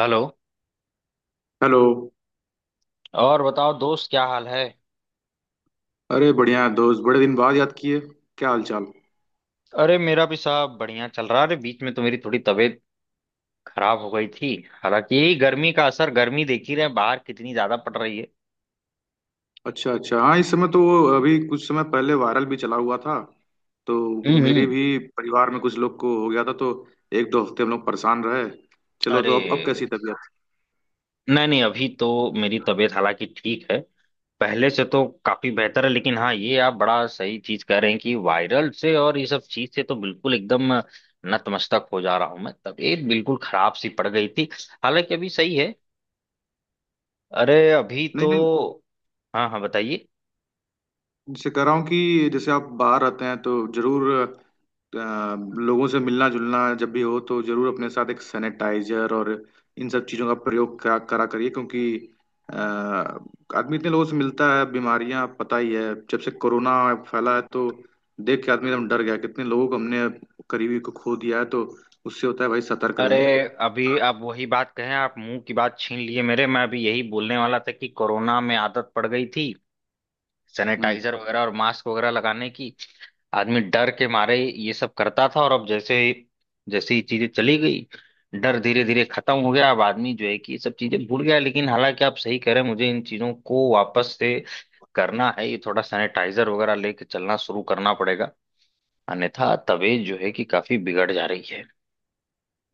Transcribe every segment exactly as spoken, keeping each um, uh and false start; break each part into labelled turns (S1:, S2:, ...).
S1: Hello.
S2: Hello.
S1: और बताओ दोस्त, क्या हाल है?
S2: अरे बढ़िया है दोस्त, बड़े दिन बाद याद किए। क्या हाल चाल।
S1: अरे, मेरा भी साहब बढ़िया चल रहा है। अरे, बीच में तो मेरी थोड़ी तबीयत खराब हो गई थी। हालांकि यही गर्मी का असर। गर्मी देख ही रहे हैं, बाहर कितनी ज्यादा पड़ रही है।
S2: अच्छा अच्छा, हाँ इस समय तो वो अभी कुछ समय पहले वायरल भी चला हुआ था तो
S1: हम्म
S2: मेरे
S1: हम्म।
S2: भी परिवार में कुछ लोग को हो गया था, तो एक दो हफ्ते हम लोग परेशान रहे। चलो,
S1: अरे,
S2: तो अब अब कैसी तबीयत।
S1: नहीं नहीं, अभी तो मेरी तबीयत हालांकि ठीक है। पहले से तो काफी बेहतर है, लेकिन हाँ, ये आप बड़ा सही चीज कह रहे हैं कि वायरल से और ये सब चीज से तो बिल्कुल एकदम नतमस्तक हो जा रहा हूं मैं। तबीयत बिल्कुल खराब सी पड़ गई थी। हालांकि अभी सही है। अरे अभी
S2: नहीं
S1: तो
S2: नहीं,
S1: हाँ हाँ, बताइए।
S2: उनसे कह रहा हूँ कि जैसे आप बाहर रहते हैं तो जरूर अ, लोगों से मिलना जुलना जब भी हो तो जरूर अपने साथ एक सैनिटाइजर और इन सब चीज़ों का प्रयोग करा करा करिए, क्योंकि अ, आदमी इतने लोगों से मिलता है, बीमारियां पता ही है। जब से कोरोना फैला है तो देख के आदमी एकदम डर गया, कितने लोगों को हमने करीबी को खो दिया है, तो उससे होता है भाई, सतर्क
S1: अरे,
S2: रहें।
S1: अभी आप वही बात कहें, आप मुंह की बात छीन लिए मेरे। मैं अभी यही बोलने वाला था कि कोरोना में आदत पड़ गई थी
S2: हम्म
S1: सैनिटाइजर वगैरह और मास्क वगैरह लगाने की। आदमी डर के मारे ये सब करता था, और अब जैसे जैसे ही चीजें चली गई, डर धीरे धीरे खत्म हो गया। अब आदमी जो है कि ये सब चीजें भूल गया है। लेकिन हालांकि आप सही कह रहे हैं, मुझे इन चीजों को वापस से करना है। ये थोड़ा सैनिटाइजर वगैरह लेके चलना शुरू करना पड़ेगा, अन्यथा तबीयत जो है कि काफी बिगड़ जा रही है।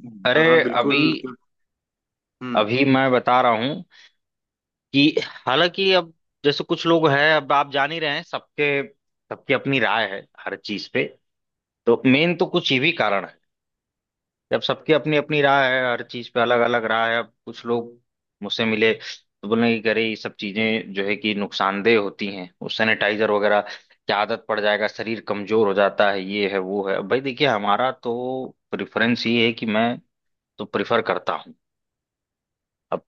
S2: हम्म, हाँ
S1: अरे
S2: हाँ
S1: अभी
S2: बिल्कुल। हम्म,
S1: अभी मैं बता रहा हूँ कि हालांकि अब जैसे कुछ लोग हैं, अब आप जान ही रहे हैं, सबके सबकी अपनी राय है हर चीज पे। तो मेन तो कुछ ये भी कारण है। जब सबकी अपनी अपनी राय है, हर चीज पे अलग अलग राय है। अब कुछ लोग मुझसे मिले तो बोले कि अरे ये सब चीजें जो है कि नुकसानदेह होती हैं, वो सैनिटाइजर वगैरह की आदत पड़ जाएगा, शरीर कमजोर हो जाता है, ये है वो है। अब भाई देखिए, हमारा तो प्रेफरेंस ये है कि मैं तो प्रिफर करता हूँ। अब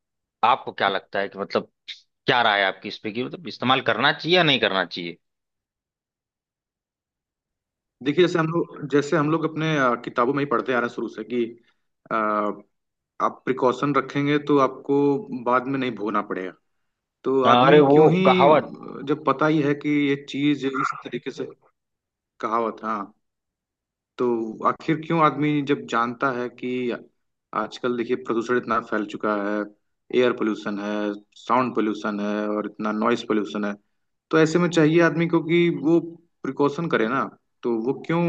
S1: आपको क्या लगता है कि मतलब क्या राय है आपकी इस पे, कि मतलब इस्तेमाल करना चाहिए या नहीं करना चाहिए?
S2: देखिए जैसे हम लोग जैसे हम लोग अपने अ, किताबों में ही पढ़ते आ रहे हैं शुरू से कि आप प्रिकॉशन रखेंगे तो आपको बाद में नहीं भोगना पड़ेगा। तो
S1: अरे
S2: आदमी
S1: वो
S2: क्यों ही
S1: कहावत।
S2: जब पता ही है कि ये चीज इस तरीके से, कहावत, हाँ, तो आखिर क्यों आदमी जब जानता है कि आजकल देखिए प्रदूषण इतना फैल चुका है। एयर पोल्यूशन है, साउंड पोल्यूशन है और इतना नॉइस पोल्यूशन है, तो ऐसे में चाहिए आदमी को कि वो प्रिकॉशन करे ना। तो वो क्यों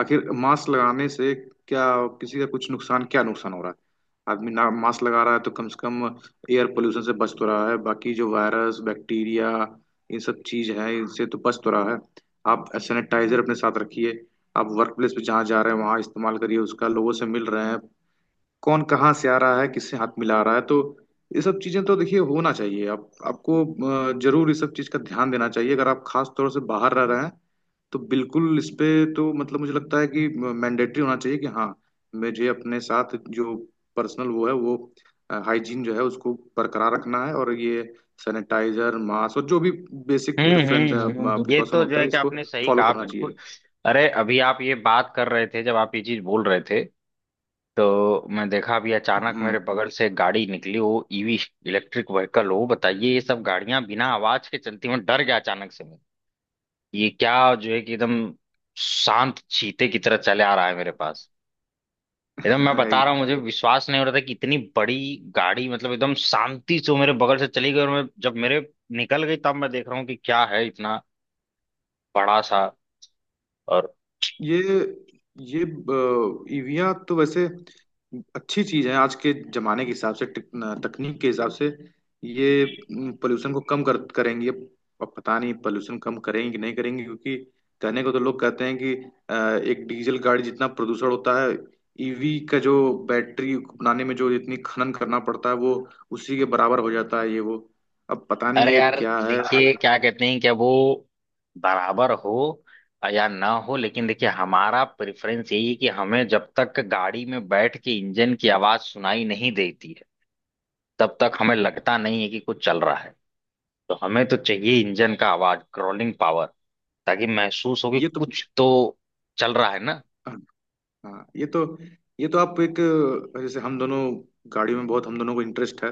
S2: आखिर मास्क लगाने से क्या, किसी का कुछ नुकसान, क्या नुकसान हो रहा है। आदमी ना मास्क लगा रहा है तो कम से कम एयर पोल्यूशन से बच तो रहा है, बाकी जो वायरस बैक्टीरिया ये सब चीज है इनसे तो बच तो रहा है। आप सैनिटाइजर अपने साथ रखिए, आप वर्क प्लेस पे जहाँ जा रहे हैं वहां इस्तेमाल करिए उसका, लोगों से मिल रहे हैं, कौन कहाँ से आ रहा है किससे हाथ मिला रहा है, तो ये सब चीजें तो देखिए होना चाहिए। आप आपको अ, जरूर इस सब चीज का ध्यान देना चाहिए, अगर आप खास तौर से बाहर रह रहे हैं तो बिल्कुल इस पे। तो मतलब मुझे लगता है कि मैंडेटरी होना चाहिए कि हाँ, मुझे अपने साथ जो पर्सनल वो है वो हाइजीन जो है उसको बरकरार रखना है, और ये सैनिटाइजर मास्क और जो भी basic
S1: hmm
S2: preference
S1: hmm hmm. ये
S2: प्रिकॉशन
S1: तो जो
S2: होता
S1: है
S2: है
S1: कि
S2: इसको
S1: आपने सही
S2: फॉलो
S1: कहा,
S2: करना
S1: बिल्कुल।
S2: चाहिए।
S1: अरे, अभी आप ये बात कर रहे थे, जब आप ये चीज बोल रहे थे तो मैं देखा अभी अचानक
S2: हम्म।
S1: मेरे बगल से एक गाड़ी निकली, वो ई वी, इलेक्ट्रिक व्हीकल हो, बताइए। ये सब गाड़ियां बिना आवाज के चलती हैं। मैं डर गया अचानक से। मैं, ये क्या जो है कि एकदम शांत चीते की तरह चले आ रहा है मेरे पास। एकदम मैं बता रहा हूँ, मुझे विश्वास नहीं हो रहा था कि इतनी बड़ी गाड़ी मतलब एकदम शांति से वो मेरे बगल से चली गई, और मैं जब मेरे निकल गई तब मैं देख रहा हूँ कि क्या है, इतना बड़ा सा। और
S2: ये ये ईवीआं तो वैसे अच्छी चीज है आज के जमाने के हिसाब से, टेक- तकनीक के हिसाब से। ये पोल्यूशन को कम कर करेंगे, अब पता नहीं पोल्यूशन कम करेंगे कि नहीं करेंगे, क्योंकि कहने को तो लोग कहते हैं कि अ, एक डीजल गाड़ी जितना प्रदूषण होता है, ईवी का जो बैटरी बनाने में जो जितनी खनन करना पड़ता है वो उसी के बराबर हो जाता है ये वो, अब पता नहीं
S1: अरे
S2: ये
S1: यार,
S2: क्या है।
S1: देखिए, क्या कहते हैं, क्या वो बराबर हो या ना हो, लेकिन देखिए हमारा प्रेफरेंस यही है कि हमें जब तक गाड़ी में बैठ के इंजन की आवाज सुनाई नहीं देती है, तब तक हमें लगता नहीं है कि कुछ चल रहा है। तो हमें तो चाहिए इंजन का आवाज, क्रॉलिंग पावर, ताकि महसूस हो कि
S2: ये तो,
S1: कुछ तो चल रहा है ना।
S2: हाँ ये तो, ये तो आप एक, जैसे हम दोनों गाड़ियों में बहुत, हम दोनों को इंटरेस्ट है,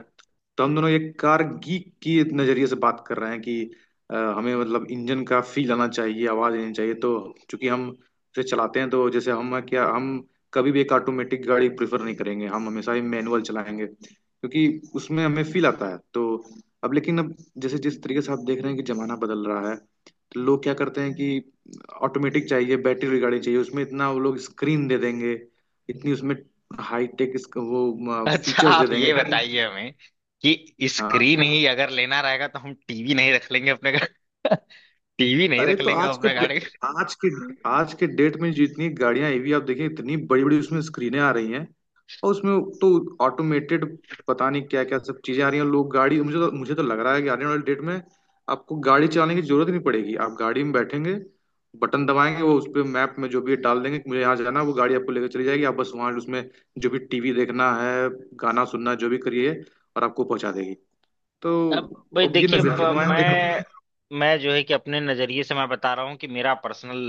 S2: तो हम दोनों एक कार गीक की नजरिए से बात कर रहे हैं कि अ, हमें मतलब इंजन का फील आना चाहिए, आवाज आनी चाहिए। तो चूंकि हम उसे चलाते हैं तो जैसे हम, क्या हम कभी भी एक ऑटोमेटिक गाड़ी प्रेफर नहीं करेंगे, हम हमेशा ही मैनुअल चलाएंगे क्योंकि उसमें हमें फील आता है। तो अब, लेकिन अब जैसे जिस तरीके से आप देख रहे हैं कि जमाना बदल रहा है, तो लोग क्या करते हैं कि ऑटोमेटिक चाहिए, बैटरी रिगार्डिंग चाहिए, उसमें इतना वो लोग स्क्रीन दे देंगे, इतनी उसमें हाई टेक वो
S1: अच्छा
S2: फीचर्स दे
S1: आप
S2: देंगे
S1: ये
S2: कि-।
S1: बताइए हमें कि
S2: हाँ,
S1: स्क्रीन ही अगर लेना रहेगा तो हम टी वी नहीं रख लेंगे अपने घर? टी वी नहीं
S2: अरे
S1: रख
S2: तो
S1: लेंगे
S2: आज के,
S1: अपने गाड़ी?
S2: आज के, आज के डेट में जितनी गाड़ियां ईवी आप देखिए, इतनी बड़ी बड़ी उसमें स्क्रीनें आ रही हैं, और उसमें तो ऑटोमेटेड पता नहीं क्या क्या सब चीजें आ रही हैं। लोग गाड़ी, मुझे तो मुझे तो लग रहा है कि आने वाले डेट में आपको गाड़ी चलाने की जरूरत ही नहीं पड़ेगी। आप गाड़ी में बैठेंगे, बटन दबाएंगे, वो उस पे मैप में जो भी डाल देंगे कि मुझे यहाँ जाना है, वो गाड़ी आपको लेकर चली जाएगी। आप बस वहाँ उसमें जो भी टीवी देखना है, गाना सुनना है, जो भी करिए, और आपको पहुंचा देगी।
S1: अब
S2: तो
S1: भाई
S2: अब ये
S1: देखिए, अब
S2: नजर मैं देख रहा
S1: मैं
S2: हूँ।
S1: मैं जो है कि अपने नजरिए से मैं बता रहा हूँ कि मेरा पर्सनल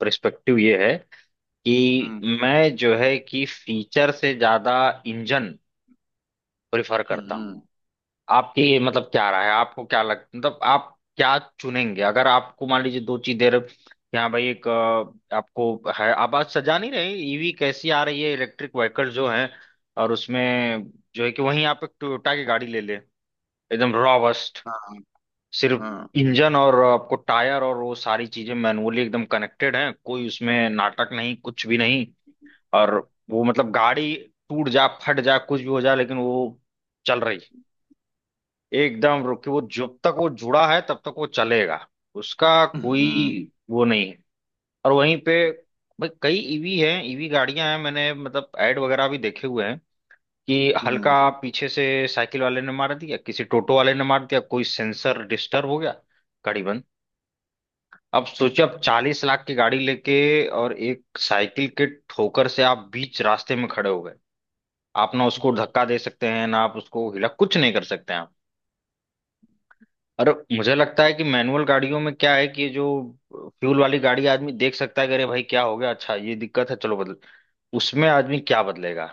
S1: पर्सपेक्टिव ये है कि
S2: हम्म
S1: मैं जो है कि फीचर से ज्यादा इंजन प्रेफर
S2: हम्म
S1: करता हूँ।
S2: हम्म,
S1: आपकी मतलब क्या राय है, आपको क्या लग मतलब आप क्या चुनेंगे अगर आपको मान लीजिए दो चीजें र- कि हाँ भाई, एक अ, आपको है, आप आज सजा नहीं रहे ई वी कैसी आ रही है, इलेक्ट्रिक व्हीकल जो है, और उसमें जो है कि, वहीं आप एक टोयोटा की गाड़ी ले ले एकदम रॉबस्ट,
S2: हाँ
S1: सिर्फ
S2: हाँ।
S1: इंजन। और आपको टायर और वो सारी चीजें मैनुअली एकदम कनेक्टेड हैं, कोई उसमें नाटक नहीं, कुछ भी नहीं। और वो मतलब गाड़ी टूट जा, फट जा, कुछ भी हो जा, लेकिन वो चल रही है एकदम। रुक के, वो जब तक वो जुड़ा है तब तक वो चलेगा, उसका कोई
S2: हम्म हम्म
S1: वो नहीं है। और वहीं पे भाई कई ईवी हैं ई वी गाड़ियां हैं, मैंने मतलब ऐड वगैरह भी देखे हुए हैं कि
S2: हम्म।
S1: हल्का पीछे से साइकिल वाले ने मार दिया, किसी टोटो वाले ने मार दिया, कोई सेंसर डिस्टर्ब हो गया, गाड़ी बंद। अब सोचिए आप चालीस लाख की गाड़ी लेके और एक साइकिल के ठोकर से आप बीच रास्ते में खड़े हो गए। आप ना उसको धक्का दे सकते हैं, ना आप उसको हिला, कुछ नहीं कर सकते हैं आप। और मुझे लगता है कि मैनुअल गाड़ियों में क्या है कि ये जो फ्यूल वाली गाड़ी आदमी देख सकता है कि अरे भाई क्या हो गया, अच्छा ये दिक्कत है, चलो बदल। उसमें आदमी क्या बदलेगा,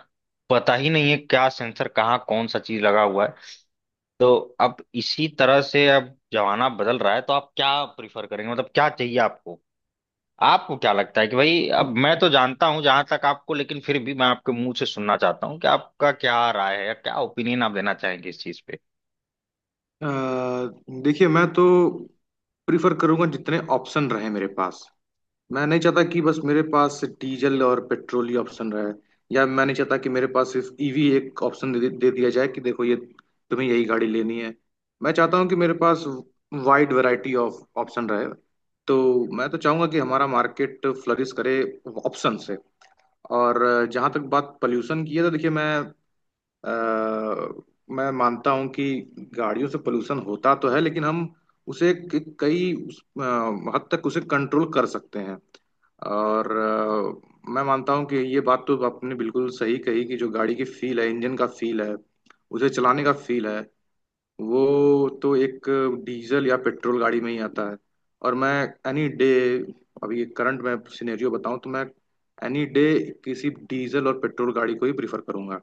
S1: पता ही नहीं है क्या सेंसर कहाँ कौन सा चीज लगा हुआ है। तो अब इसी तरह से अब जमाना बदल रहा है, तो आप क्या प्रिफर करेंगे, मतलब क्या चाहिए आपको? आपको क्या लगता है कि भाई? अब मैं तो जानता हूं जहां तक आपको, लेकिन फिर भी मैं आपके मुंह से सुनना चाहता हूँ कि आपका क्या राय है, या क्या ओपिनियन आप देना चाहेंगे इस चीज पे।
S2: अ, देखिए मैं तो प्रिफर करूंगा जितने ऑप्शन रहे मेरे पास। मैं नहीं चाहता कि बस मेरे पास डीजल और पेट्रोल ही ऑप्शन रहे, या मैं नहीं चाहता कि मेरे पास सिर्फ ईवी एक ऑप्शन दे, दे दिया जाए कि देखो ये तुम्हें यही गाड़ी लेनी है। मैं चाहता हूँ कि मेरे पास वाइड वैरायटी ऑफ ऑप्शन रहे। तो मैं तो चाहूंगा कि हमारा मार्केट फ्लरिश करे ऑप्शन से। और जहां तक बात पोल्यूशन की है तो देखिए, मैं अ, मैं मानता हूं कि गाड़ियों से पोल्यूशन होता तो है, लेकिन हम उसे क- कई उस, अ, हद तक उसे कंट्रोल कर सकते हैं। और अ, मैं मानता हूं कि ये बात तो आपने बिल्कुल सही कही कि जो गाड़ी की फील है, इंजन का फील है, उसे चलाने का फील है, वो तो एक डीजल या पेट्रोल गाड़ी में ही आता है। और मैं एनी डे, अभी करंट में सिनेरियो बताऊं तो मैं एनी डे किसी डीजल और पेट्रोल गाड़ी को ही प्रीफर करूंगा।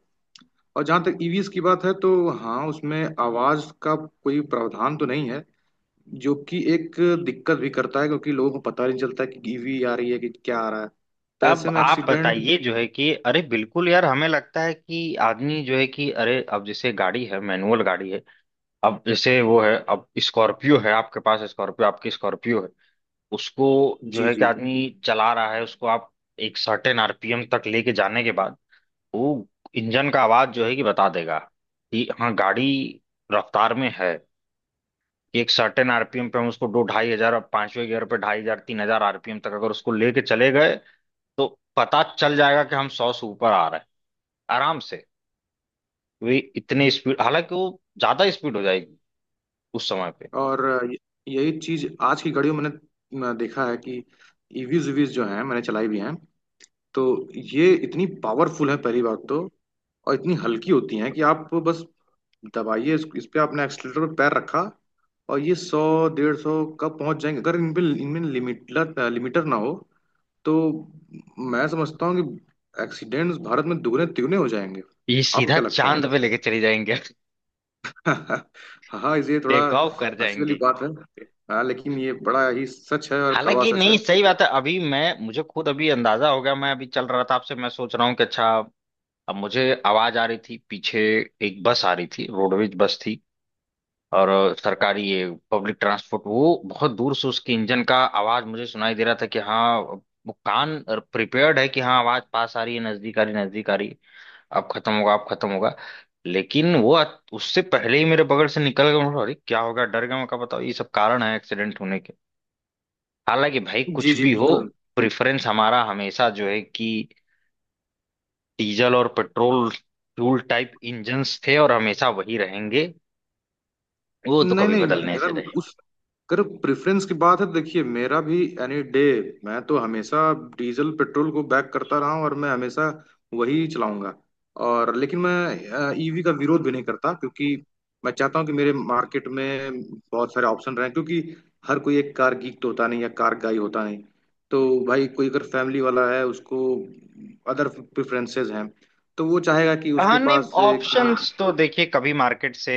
S2: और जहां तक ईवीएस की बात है तो हाँ, उसमें आवाज का कोई प्रावधान तो नहीं है, जो कि एक दिक्कत भी करता है, क्योंकि लोगों को पता नहीं चलता कि ईवी आ रही है कि क्या आ रहा है, तो ऐसे
S1: अब
S2: में
S1: आप
S2: एक्सीडेंट।
S1: बताइए, जो है कि अरे बिल्कुल यार, हमें लगता है कि आदमी जो है कि, अरे, अब जैसे गाड़ी है, मैनुअल गाड़ी है। अब जैसे, वो है, अब स्कॉर्पियो है आपके पास, स्कॉर्पियो, आपकी स्कॉर्पियो है उसको, जो
S2: जी
S1: है कि
S2: जी।
S1: आदमी चला रहा है उसको, आप एक सर्टेन आर पी एम तक लेके जाने के बाद वो इंजन का आवाज जो है कि बता देगा कि हाँ, गाड़ी रफ्तार में है। कि एक सर्टेन आरपीएम पे हम उसको दो ढाई हजार, पांचवें गियर पे ढाई हजार, तीन हजार आर पी एम तक अगर उसको लेके चले गए, तो पता चल जाएगा कि हम सौ से ऊपर आ रहे हैं आराम से। वे इतने स्पीड, हालांकि वो ज्यादा स्पीड हो जाएगी उस समय पे।
S2: और य- यही चीज आज की घड़ी में मैंने अ, देखा है कि ईवीज वीज जो हैं मैंने चलाई भी हैं, तो ये इतनी पावरफुल है पहली बात तो, और इतनी हल्की होती हैं कि आप बस दबाइए। इस, इस पे आपने एक्सीटर पे पैर रखा, और ये सौ डेढ़ सौ कब पहुंच जाएंगे, अगर इन पे इनमें लिमिटर लिमिटर ना हो तो मैं समझता हूँ कि एक्सीडेंट्स भारत में दुगने तिगने हो जाएंगे।
S1: ये
S2: आपको
S1: सीधा
S2: क्या लगता
S1: चांद
S2: है।
S1: पे लेके चली जाएंगे।
S2: हाँ इसलिए थोड़ा
S1: टेक ऑफ कर
S2: हंसी वाली
S1: जाएंगी।
S2: बात है, हाँ, लेकिन ये बड़ा ही सच है और कड़वा
S1: हालांकि
S2: सच है।
S1: नहीं, सही बात है, अभी मैं मुझे खुद अभी अंदाजा हो गया। मैं अभी चल रहा था आपसे, मैं सोच रहा हूँ कि अच्छा, अब मुझे आवाज आ रही थी पीछे, एक बस आ रही थी, रोडवेज बस थी। और सरकारी ये पब्लिक ट्रांसपोर्ट, वो बहुत दूर से उसके इंजन का आवाज मुझे सुनाई दे रहा था कि हाँ वो, कान प्रिपेयर्ड है कि हाँ, आवाज पास आ रही है, नजदीक आ रही है, नजदीक आ रही है, अब खत्म होगा, अब खत्म होगा। लेकिन वो अत- उससे पहले ही मेरे बगल से निकल गया। मैं बोला, अरे क्या होगा, डर गया मैं। कहा, बताओ, ये सब कारण है एक्सीडेंट होने के। हालांकि भाई
S2: जी
S1: कुछ
S2: जी
S1: भी हो,
S2: बिल्कुल।
S1: प्रेफरेंस हमारा हमेशा जो है कि डीजल और पेट्रोल फ्यूल टाइप इंजन्स थे, और हमेशा वही रहेंगे। वो तो
S2: नहीं
S1: कभी
S2: नहीं,
S1: बदलने से
S2: अगर
S1: रहे।
S2: उस अगर प्रेफरेंस की बात है तो देखिए, मेरा भी एनी डे, मैं तो हमेशा डीजल पेट्रोल को बैक करता रहा हूँ और मैं हमेशा वही चलाऊंगा। और, लेकिन मैं ईवी का विरोध भी नहीं करता, क्योंकि मैं चाहता हूँ कि मेरे मार्केट में बहुत सारे ऑप्शन रहें, क्योंकि हर कोई एक कार गीक तो होता नहीं या कार गाई होता नहीं। तो भाई कोई अगर फैमिली वाला है उसको अदर प्रेफरेंसेस हैं, तो वो चाहेगा कि
S1: हाँ
S2: उसके
S1: नहीं,
S2: पास एक।
S1: ऑप्शंस तो देखिए कभी मार्केट से,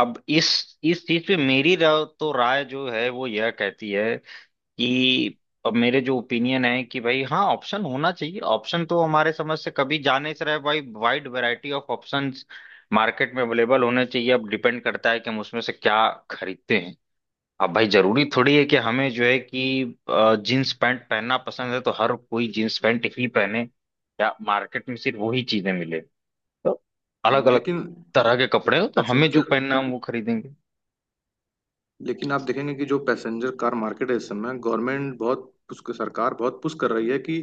S1: अब इस इस चीज पे मेरी राय, तो राय जो है वो यह कहती है कि, अब मेरे जो ओपिनियन है कि भाई हाँ, ऑप्शन होना चाहिए। ऑप्शन तो हमारे समझ से कभी जाने से रहे भाई। Wide variety of options market में अवेलेबल होने चाहिए। अब डिपेंड करता है कि हम उसमें से क्या खरीदते हैं। अब भाई, जरूरी थोड़ी है कि हमें जो है कि जींस पैंट पहनना पसंद है तो हर कोई जींस पैंट ही पहने, या मार्केट में सिर्फ वही चीजें मिले। तो अलग अलग
S2: लेकिन
S1: तरह के कपड़े हो, तो हमें जो
S2: पैसेंजर,
S1: पहनना है हम वो खरीदेंगे।
S2: लेकिन आप देखेंगे कि जो पैसेंजर कार मार्केट है इस समय, गवर्नमेंट बहुत उसको, सरकार बहुत पुश कर रही है कि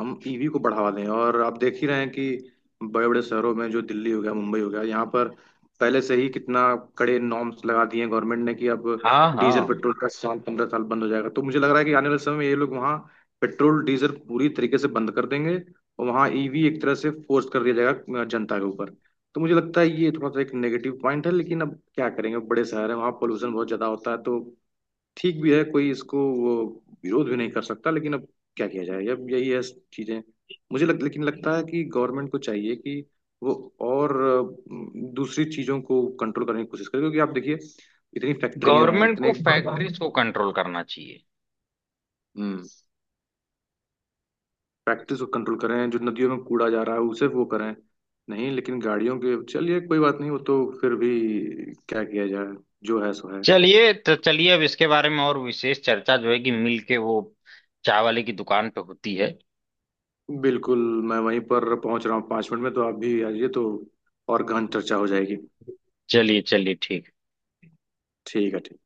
S2: हम ईवी को बढ़ावा दें, और आप देख ही रहे हैं कि बड़े बड़े शहरों में, जो दिल्ली हो गया, मुंबई हो गया, यहाँ पर पहले से ही कितना कड़े नॉर्म्स लगा दिए हैं गवर्नमेंट ने कि अब
S1: हाँ
S2: डीजल
S1: हाँ,
S2: पेट्रोल का इस्तेमाल पंद्रह साल बंद हो जाएगा। तो मुझे लग रहा है कि आने वाले समय में ये लोग वहाँ पेट्रोल डीजल पूरी तरीके से बंद कर देंगे, और वहाँ ईवी एक तरह से फोर्स कर दिया जाएगा जनता के ऊपर। तो मुझे लगता है ये थोड़ा सा एक नेगेटिव पॉइंट है, लेकिन अब क्या करेंगे, बड़े शहर है वहाँ पोल्यूशन बहुत ज्यादा होता है तो ठीक भी है, कोई इसको वो विरोध भी नहीं कर सकता, लेकिन अब क्या किया जाए, अब यही है चीजें। मुझे लग, लेकिन लगता है कि गवर्नमेंट को चाहिए कि वो और अ, दूसरी चीजों को कंट्रोल करने की कोशिश करे, क्योंकि आप देखिए इतनी फैक्ट्रियां हैं,
S1: गवर्नमेंट
S2: इतने।
S1: को फैक्ट्रीज को कंट्रोल करना चाहिए।
S2: हम्म, फैक्ट्रीज को कंट्रोल करें, जो नदियों में कूड़ा जा रहा है उसे वो करें, नहीं लेकिन गाड़ियों के, चलिए कोई बात नहीं, वो तो फिर भी, क्या किया जाए, जो है सो है।
S1: चलिए, तो चलिए अब इसके बारे में और विशेष चर्चा जो है कि मिल के, वो चाय वाले की दुकान पे होती है।
S2: बिल्कुल, मैं वहीं पर पहुंच रहा हूँ पाँच मिनट में, तो आप भी आइए तो और गहन चर्चा हो जाएगी।
S1: चलिए चलिए, ठीक।
S2: ठीक है ठीक।